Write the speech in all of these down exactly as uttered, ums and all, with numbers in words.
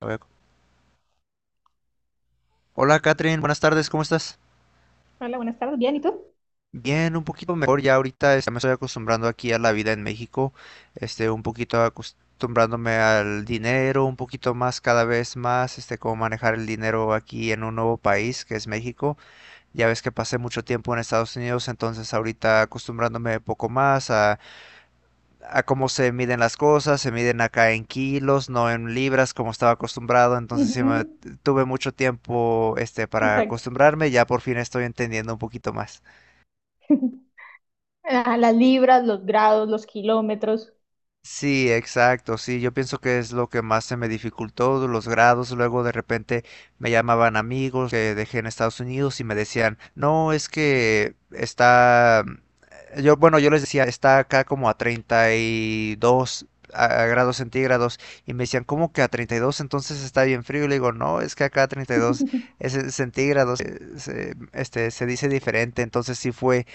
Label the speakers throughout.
Speaker 1: A ver. Hola Catherine, buenas tardes, ¿cómo estás?
Speaker 2: Hola, buenas tardes. ¿Bien? ¿Y tú?
Speaker 1: Bien, un poquito mejor ya ahorita, este, me estoy acostumbrando aquí a la vida en México. Este, un poquito acostumbrándome al dinero, un poquito más cada vez más, este, cómo manejar el dinero aquí en un nuevo país que es México. Ya ves que pasé mucho tiempo en Estados Unidos, entonces ahorita acostumbrándome poco más a a cómo se miden las cosas, se miden acá en kilos, no en libras como estaba acostumbrado. Entonces sí me-
Speaker 2: Ujú.
Speaker 1: tuve mucho tiempo este para
Speaker 2: Exacto.
Speaker 1: acostumbrarme, ya por fin estoy entendiendo un poquito más.
Speaker 2: Ah, las libras, los grados, los kilómetros.
Speaker 1: Sí, exacto, sí, yo pienso que es lo que más se me dificultó, los grados. Luego de repente me llamaban amigos que dejé en Estados Unidos y me decían, no, es que está, eh, yo, bueno, yo les decía, está acá como a treinta y dos a- a grados centígrados, y me decían, ¿cómo que a treinta y dos? Entonces está bien frío, y le digo, no, es que acá a treinta y dos es en centígrados. Eh, se- este, se dice diferente, entonces sí fue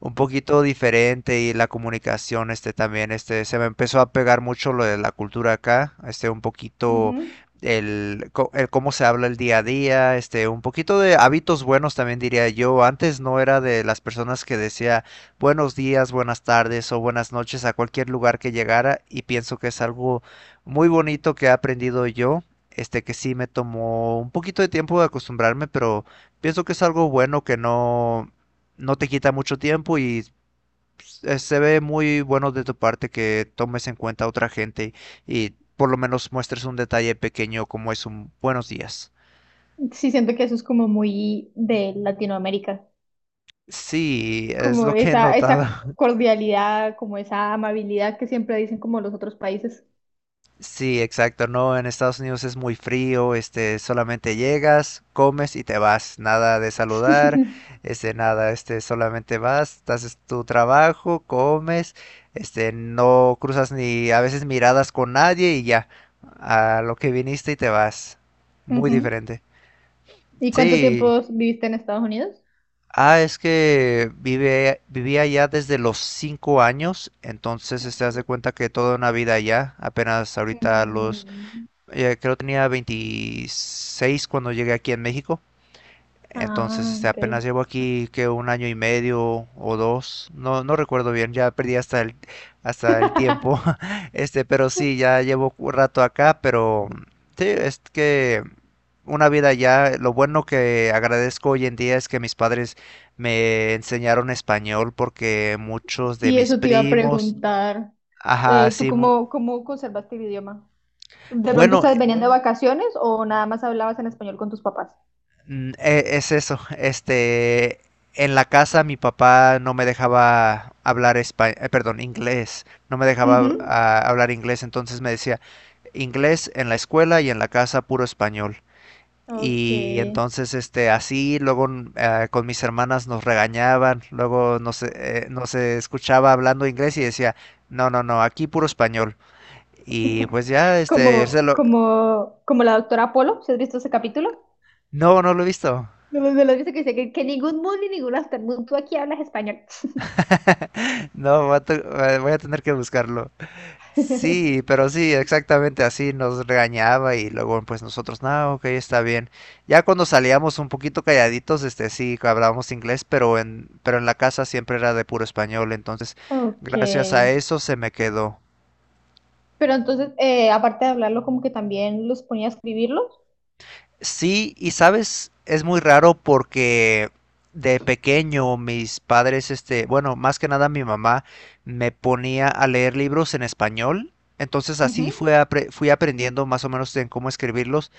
Speaker 1: un poquito diferente. Y la comunicación este también este se me empezó a pegar mucho lo de la cultura acá, este un poquito
Speaker 2: Ujú.
Speaker 1: el, co- el cómo se habla el día a día, este un poquito de hábitos buenos también diría yo. Antes no era de las personas que decía buenos días, buenas tardes o buenas noches a cualquier lugar que llegara, y pienso que es algo muy bonito que he aprendido yo. Este que sí me tomó un poquito de tiempo de acostumbrarme, pero pienso que es algo bueno, que no no te quita mucho tiempo, y eh, se ve muy bueno de tu parte que tomes en cuenta a otra gente y por lo menos muestres un detalle pequeño como es un buenos días.
Speaker 2: Sí, siento que eso es como muy de Latinoamérica,
Speaker 1: Sí, es
Speaker 2: como
Speaker 1: lo que he
Speaker 2: esa,
Speaker 1: notado.
Speaker 2: esa cordialidad, como esa amabilidad que siempre dicen como los otros países.
Speaker 1: Sí, exacto, no, en Estados Unidos es muy frío, este, solamente llegas, comes y te vas, nada de saludar, este, nada, este, solamente vas, haces tu trabajo, comes, este, no cruzas ni a veces miradas con nadie, y ya, a lo que viniste y te vas, muy
Speaker 2: Ujú.
Speaker 1: diferente.
Speaker 2: ¿Y cuánto
Speaker 1: Sí,
Speaker 2: tiempo viviste en Estados Unidos?
Speaker 1: ah, es que vive, vivía allá desde los cinco años. Entonces, este,
Speaker 2: Ok.
Speaker 1: haz de cuenta que toda una vida allá. Apenas ahorita a los
Speaker 2: Mm,
Speaker 1: eh, creo que tenía veintiséis cuando llegué aquí en México. Entonces,
Speaker 2: ah,
Speaker 1: este,
Speaker 2: ok.
Speaker 1: apenas llevo aquí que un año y medio o dos, no, no recuerdo bien, ya perdí hasta el, hasta el tiempo, este, pero sí, ya llevo un rato acá. Pero sí, es que una vida ya. Lo bueno que agradezco hoy en día es que mis padres me enseñaron español, porque muchos de
Speaker 2: Sí,
Speaker 1: mis
Speaker 2: eso te iba a
Speaker 1: primos,
Speaker 2: preguntar.
Speaker 1: ajá,
Speaker 2: Eh, ¿tú
Speaker 1: sí, mu-
Speaker 2: cómo, cómo conservaste el idioma? ¿De pronto
Speaker 1: bueno,
Speaker 2: ustedes venían de vacaciones o nada más hablabas en español con tus papás?
Speaker 1: Mm, e- es eso. Este, en la casa mi papá no me dejaba hablar espa- eh, perdón, inglés, no me dejaba
Speaker 2: Ujú.
Speaker 1: ah, hablar inglés, entonces me decía inglés en la escuela y en la casa puro español.
Speaker 2: Ok.
Speaker 1: Y entonces, este, así, luego mm, ah, con mis hermanas nos regañaban, luego nos, eh, nos escuchaba hablando inglés y decía, no, no, no, aquí puro español. Y pues ya, este,
Speaker 2: Como,
Speaker 1: se lo-
Speaker 2: como, Como la doctora Apolo, ¿sí has visto ese capítulo?
Speaker 1: no, no lo he visto.
Speaker 2: No, me- me lo dice que dice que, que ningún mundo ni ningún aftermundo, tú aquí hablas español.
Speaker 1: No, voy a te- voy a tener que buscarlo. Sí, pero sí, exactamente así nos regañaba, y luego pues nosotros, no, ok, está bien. Ya cuando salíamos un poquito calladitos, este sí, hablábamos inglés, pero en, pero en la casa siempre era de puro español, entonces
Speaker 2: Ok.
Speaker 1: gracias a eso se me quedó.
Speaker 2: Pero entonces, eh, aparte de hablarlo, como que también los ponía a escribirlos.
Speaker 1: Sí, y sabes, es muy raro porque de pequeño mis padres, este, bueno, más que nada mi mamá me ponía a leer libros en español, entonces así
Speaker 2: Ujú.
Speaker 1: fui, apre- fui aprendiendo más o menos en cómo escribirlos.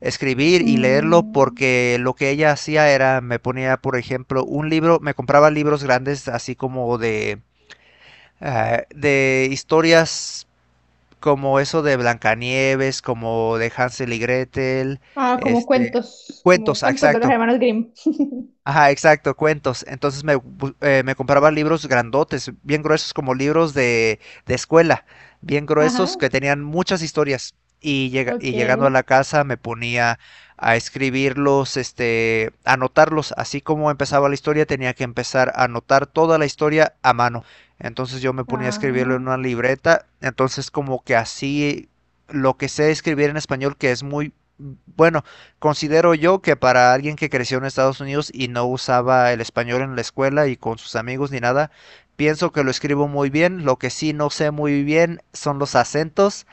Speaker 1: Escribir y leerlo,
Speaker 2: Mm.
Speaker 1: porque lo que ella hacía era, me ponía, por ejemplo, un libro, me compraba libros grandes así como de, eh, de historias como eso de Blancanieves, como de Hansel y Gretel,
Speaker 2: Ah, como
Speaker 1: este,
Speaker 2: cuentos, como
Speaker 1: cuentos, ah,
Speaker 2: cuentos de los
Speaker 1: exacto.
Speaker 2: hermanos Grimm.
Speaker 1: Ajá, exacto, cuentos. Entonces me, bu- eh, me compraba libros grandotes, bien gruesos como libros de, de escuela, bien
Speaker 2: Ajá,
Speaker 1: gruesos que tenían muchas historias. Y, llega- y llegando a
Speaker 2: ok.
Speaker 1: la casa me ponía a escribirlos, este, anotarlos. Así como empezaba la historia, tenía que empezar a anotar toda la historia a mano. Entonces yo me ponía a escribirlo en
Speaker 2: Ah,
Speaker 1: una libreta. Entonces como que así lo que sé escribir en español, que es muy bueno. Considero yo que para alguien que creció en Estados Unidos y no usaba el español en la escuela y con sus amigos ni nada, pienso que lo escribo muy bien. Lo que sí no sé muy bien son los acentos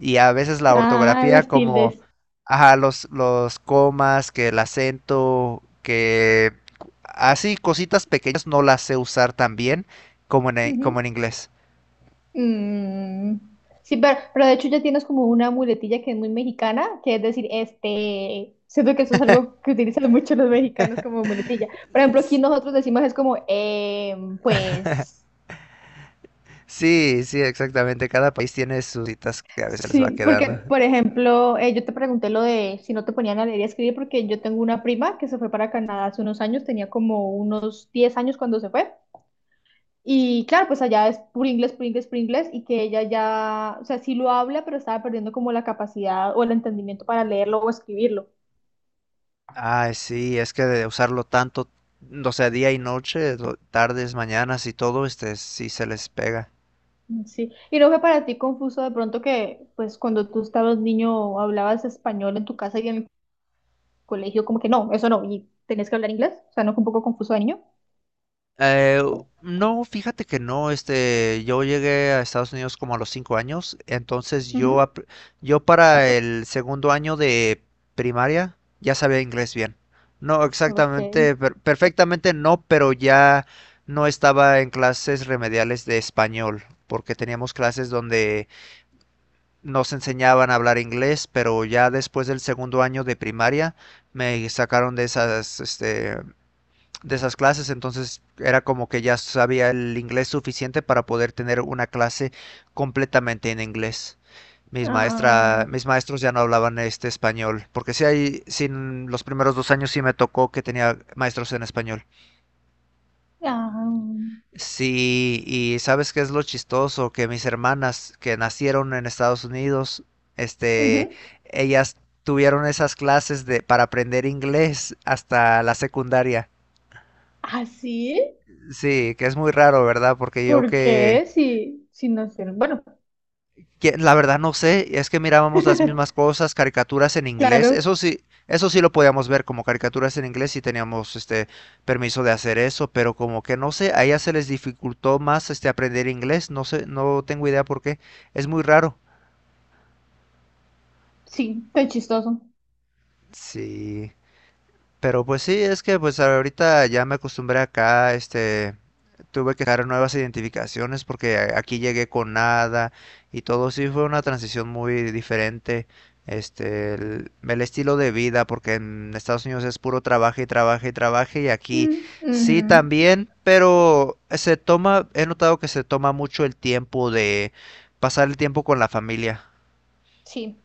Speaker 1: y a veces la
Speaker 2: Ah,
Speaker 1: ortografía
Speaker 2: las
Speaker 1: como,
Speaker 2: tildes.
Speaker 1: ajá, los, los comas, que el acento, que así cositas pequeñas no las sé usar tan bien como en, como
Speaker 2: Ujú.
Speaker 1: en inglés.
Speaker 2: Mm. Sí, pero, pero de hecho ya tienes como una muletilla que es muy mexicana, que es decir, este, siento que eso es algo que utilizan mucho los mexicanos como muletilla. Por ejemplo, aquí nosotros decimos es como, eh, pues,
Speaker 1: Sí, sí, exactamente. Cada país tiene sus citas que a veces les va
Speaker 2: sí, porque,
Speaker 1: quedando.
Speaker 2: por ejemplo, eh, yo te pregunté lo de si no te ponían a leer y a escribir, porque yo tengo una prima que se fue para Canadá hace unos años, tenía como unos diez años cuando se fue. Y claro, pues allá es puro inglés, puro inglés, puro inglés, y que ella ya, o sea, sí lo habla, pero estaba perdiendo como la capacidad o el entendimiento para leerlo o escribirlo.
Speaker 1: Ay, sí, es que de usarlo tanto, mm, o sea, día y noche, do- tardes, mañanas y todo, este, sí se les pega.
Speaker 2: Mm. Sí. Y no fue para ti confuso de pronto que, pues, cuando tú estabas niño, hablabas español en tu casa y en el colegio, como que no, eso no, y tenías que hablar inglés. O sea, no fue un poco confuso de niño.
Speaker 1: Eh, no, fíjate que no, este, yo llegué a Estados Unidos como a los cinco años, entonces yo,
Speaker 2: Ujú.
Speaker 1: ap- yo para el segundo año de primaria ya sabía inglés bien. No,
Speaker 2: Ok.
Speaker 1: exactamente, per- perfectamente no, pero ya no estaba en clases remediales de español, porque teníamos clases donde nos enseñaban a hablar inglés, pero ya después del segundo año de primaria me sacaron de esas, este, de esas clases. Entonces era como que ya sabía el inglés suficiente para poder tener una clase completamente en inglés. Mis
Speaker 2: Ah,
Speaker 1: maestra, mis maestros ya no hablaban este español, porque sí hay, sin los primeros dos años sí me tocó que tenía maestros en español.
Speaker 2: ah,
Speaker 1: Sí, y ¿sabes qué es lo chistoso? Que mis hermanas que nacieron en Estados Unidos, este,
Speaker 2: ujú.
Speaker 1: ellas tuvieron esas clases de para aprender inglés hasta la secundaria.
Speaker 2: ¿Ah, sí?
Speaker 1: Sí, que es muy raro, ¿verdad? Porque yo
Speaker 2: ¿Por
Speaker 1: que
Speaker 2: qué? Si, si no sé. Bueno,
Speaker 1: que- la verdad no sé. Es que mirábamos las mismas cosas, caricaturas en inglés,
Speaker 2: claro,
Speaker 1: eso sí, eso sí lo podíamos ver como caricaturas en inglés, y teníamos este permiso de hacer eso, pero como que no sé, a ella se les dificultó más este aprender inglés, no sé, no tengo idea por qué, es muy raro.
Speaker 2: sí, tan chistoso.
Speaker 1: Sí, pero pues sí, es que pues ahorita ya me acostumbré acá, este, tuve que dejar nuevas identificaciones porque a- aquí llegué con nada, y todo sí fue una transición muy diferente. Este, el, el estilo de vida, porque en Estados Unidos es puro trabajo y trabajo y trabajo, y aquí
Speaker 2: Mm,
Speaker 1: sí
Speaker 2: ujú.
Speaker 1: también, pero se toma, he notado que se toma mucho el tiempo de pasar el tiempo con la familia.
Speaker 2: Sí.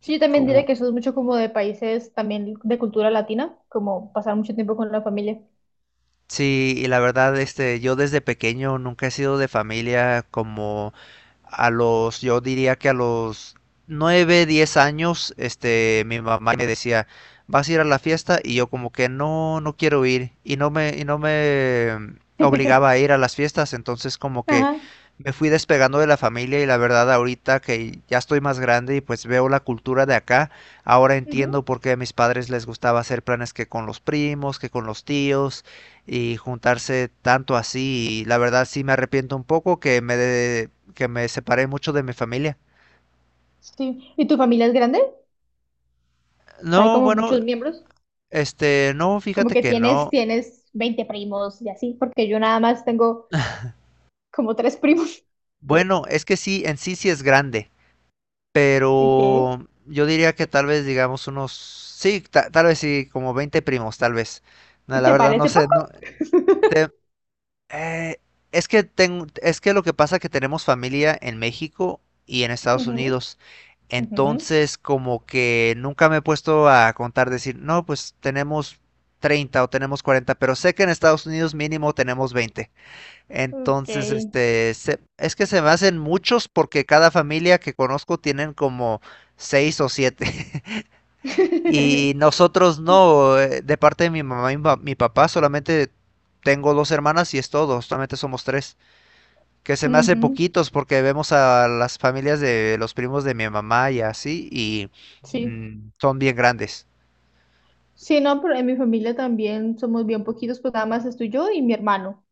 Speaker 2: Sí, yo también diría
Speaker 1: Como,
Speaker 2: que eso es mucho como de países también de cultura latina, como pasar mucho tiempo con la familia.
Speaker 1: Sí, y la verdad, este, yo desde pequeño nunca he sido de familia como a los, yo diría que a los nueve diez años, este, mi mamá me decía, ¿vas a ir a la fiesta? Y yo como que no, no quiero ir, y no me, y no me obligaba a ir a las fiestas, entonces como que
Speaker 2: Ajá.
Speaker 1: me fui despegando de la familia, y la verdad ahorita que ya estoy más grande y pues veo la cultura de acá, ahora entiendo
Speaker 2: Ujú.
Speaker 1: por qué a mis padres les gustaba hacer planes que con los primos, que con los tíos y juntarse tanto así. Y la verdad sí me arrepiento un poco que me, de- que me separé mucho de mi familia.
Speaker 2: Sí. ¿Y tu familia es grande? O sea, hay
Speaker 1: No,
Speaker 2: como
Speaker 1: bueno,
Speaker 2: muchos miembros.
Speaker 1: este, no,
Speaker 2: Como
Speaker 1: fíjate
Speaker 2: que
Speaker 1: que
Speaker 2: tienes,
Speaker 1: no.
Speaker 2: tienes veinte primos y así, porque yo nada más tengo como tres primos.
Speaker 1: Bueno, es que sí, en sí sí es grande,
Speaker 2: ¿Qué?
Speaker 1: pero yo diría que tal vez digamos unos, sí, ta- tal vez sí, como veinte primos, tal vez. No,
Speaker 2: ¿Y
Speaker 1: la
Speaker 2: te
Speaker 1: verdad no
Speaker 2: parece
Speaker 1: sé,
Speaker 2: poco?
Speaker 1: no, te- eh, es que tengo, es que lo que pasa es que tenemos familia en México y en Estados
Speaker 2: Ujú,
Speaker 1: Unidos.
Speaker 2: ujú.
Speaker 1: Entonces, como que nunca me he puesto a contar, decir, no, pues tenemos treinta o tenemos cuarenta, pero sé que en Estados Unidos mínimo tenemos veinte.
Speaker 2: Ok.
Speaker 1: Entonces, este, se- es que se me hacen muchos porque cada familia que conozco tienen como seis o siete. Y nosotros no, eh, de parte de mi mamá y mi pa- mi papá, solamente tengo dos hermanas y es todo, solamente somos tres. Que se me hace
Speaker 2: Ujú.
Speaker 1: poquitos porque vemos a las familias de los primos de mi mamá y así, y
Speaker 2: Sí.
Speaker 1: mm, son bien grandes.
Speaker 2: Sí, no, pero en mi familia también somos bien poquitos, pues nada más estoy yo y mi hermano.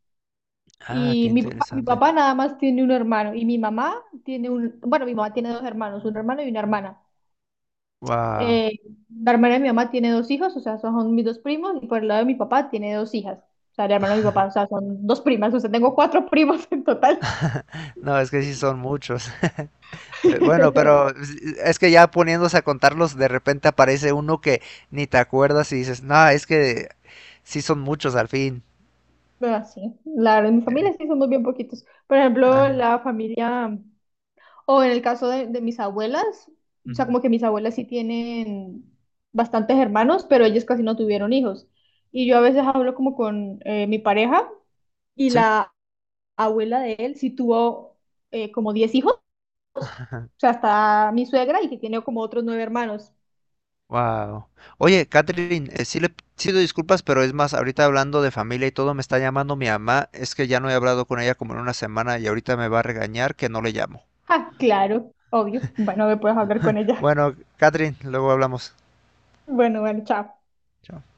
Speaker 1: Ah, qué
Speaker 2: Y mi papá, mi
Speaker 1: interesante.
Speaker 2: papá nada más tiene un hermano y mi mamá tiene un, bueno, mi mamá tiene dos hermanos, un hermano y una hermana.
Speaker 1: Wow.
Speaker 2: Eh, la hermana de mi mamá tiene dos hijos, o sea, son mis dos primos, y por el lado de mi papá tiene dos hijas, o sea, el hermano de mi papá, o sea, son dos primas, o sea, tengo cuatro primos en total.
Speaker 1: No, es que sí son muchos. Eh, Bueno, pero es es que ya poniéndose a contarlos, de repente aparece uno que ni te acuerdas y dices, no, es que sí son muchos al fin.
Speaker 2: Pero sí, la verdad, en mi familia sí somos bien poquitos. Por
Speaker 1: Ah,
Speaker 2: ejemplo, la familia... O en el caso de, de mis abuelas, o sea,
Speaker 1: ujú.
Speaker 2: como que mis abuelas sí tienen bastantes hermanos, pero ellos casi no tuvieron hijos. Y yo a veces hablo como con eh, mi pareja y
Speaker 1: Sí.
Speaker 2: la abuela de él sí tuvo eh, como diez hijos, o sea, está mi suegra y que tiene como otros nueve hermanos.
Speaker 1: Wow. Oye, Catherine, eh, sí le pido disculpas, pero es más, ahorita hablando de familia y todo, me está llamando mi mamá. Es que ya no he hablado con ella como en una semana y ahorita me va a regañar que no le llamo.
Speaker 2: Ah, claro, obvio. Bueno, me puedes hablar con ella.
Speaker 1: Bueno, Catherine, luego hablamos.
Speaker 2: Bueno, bueno, chao.
Speaker 1: Chao.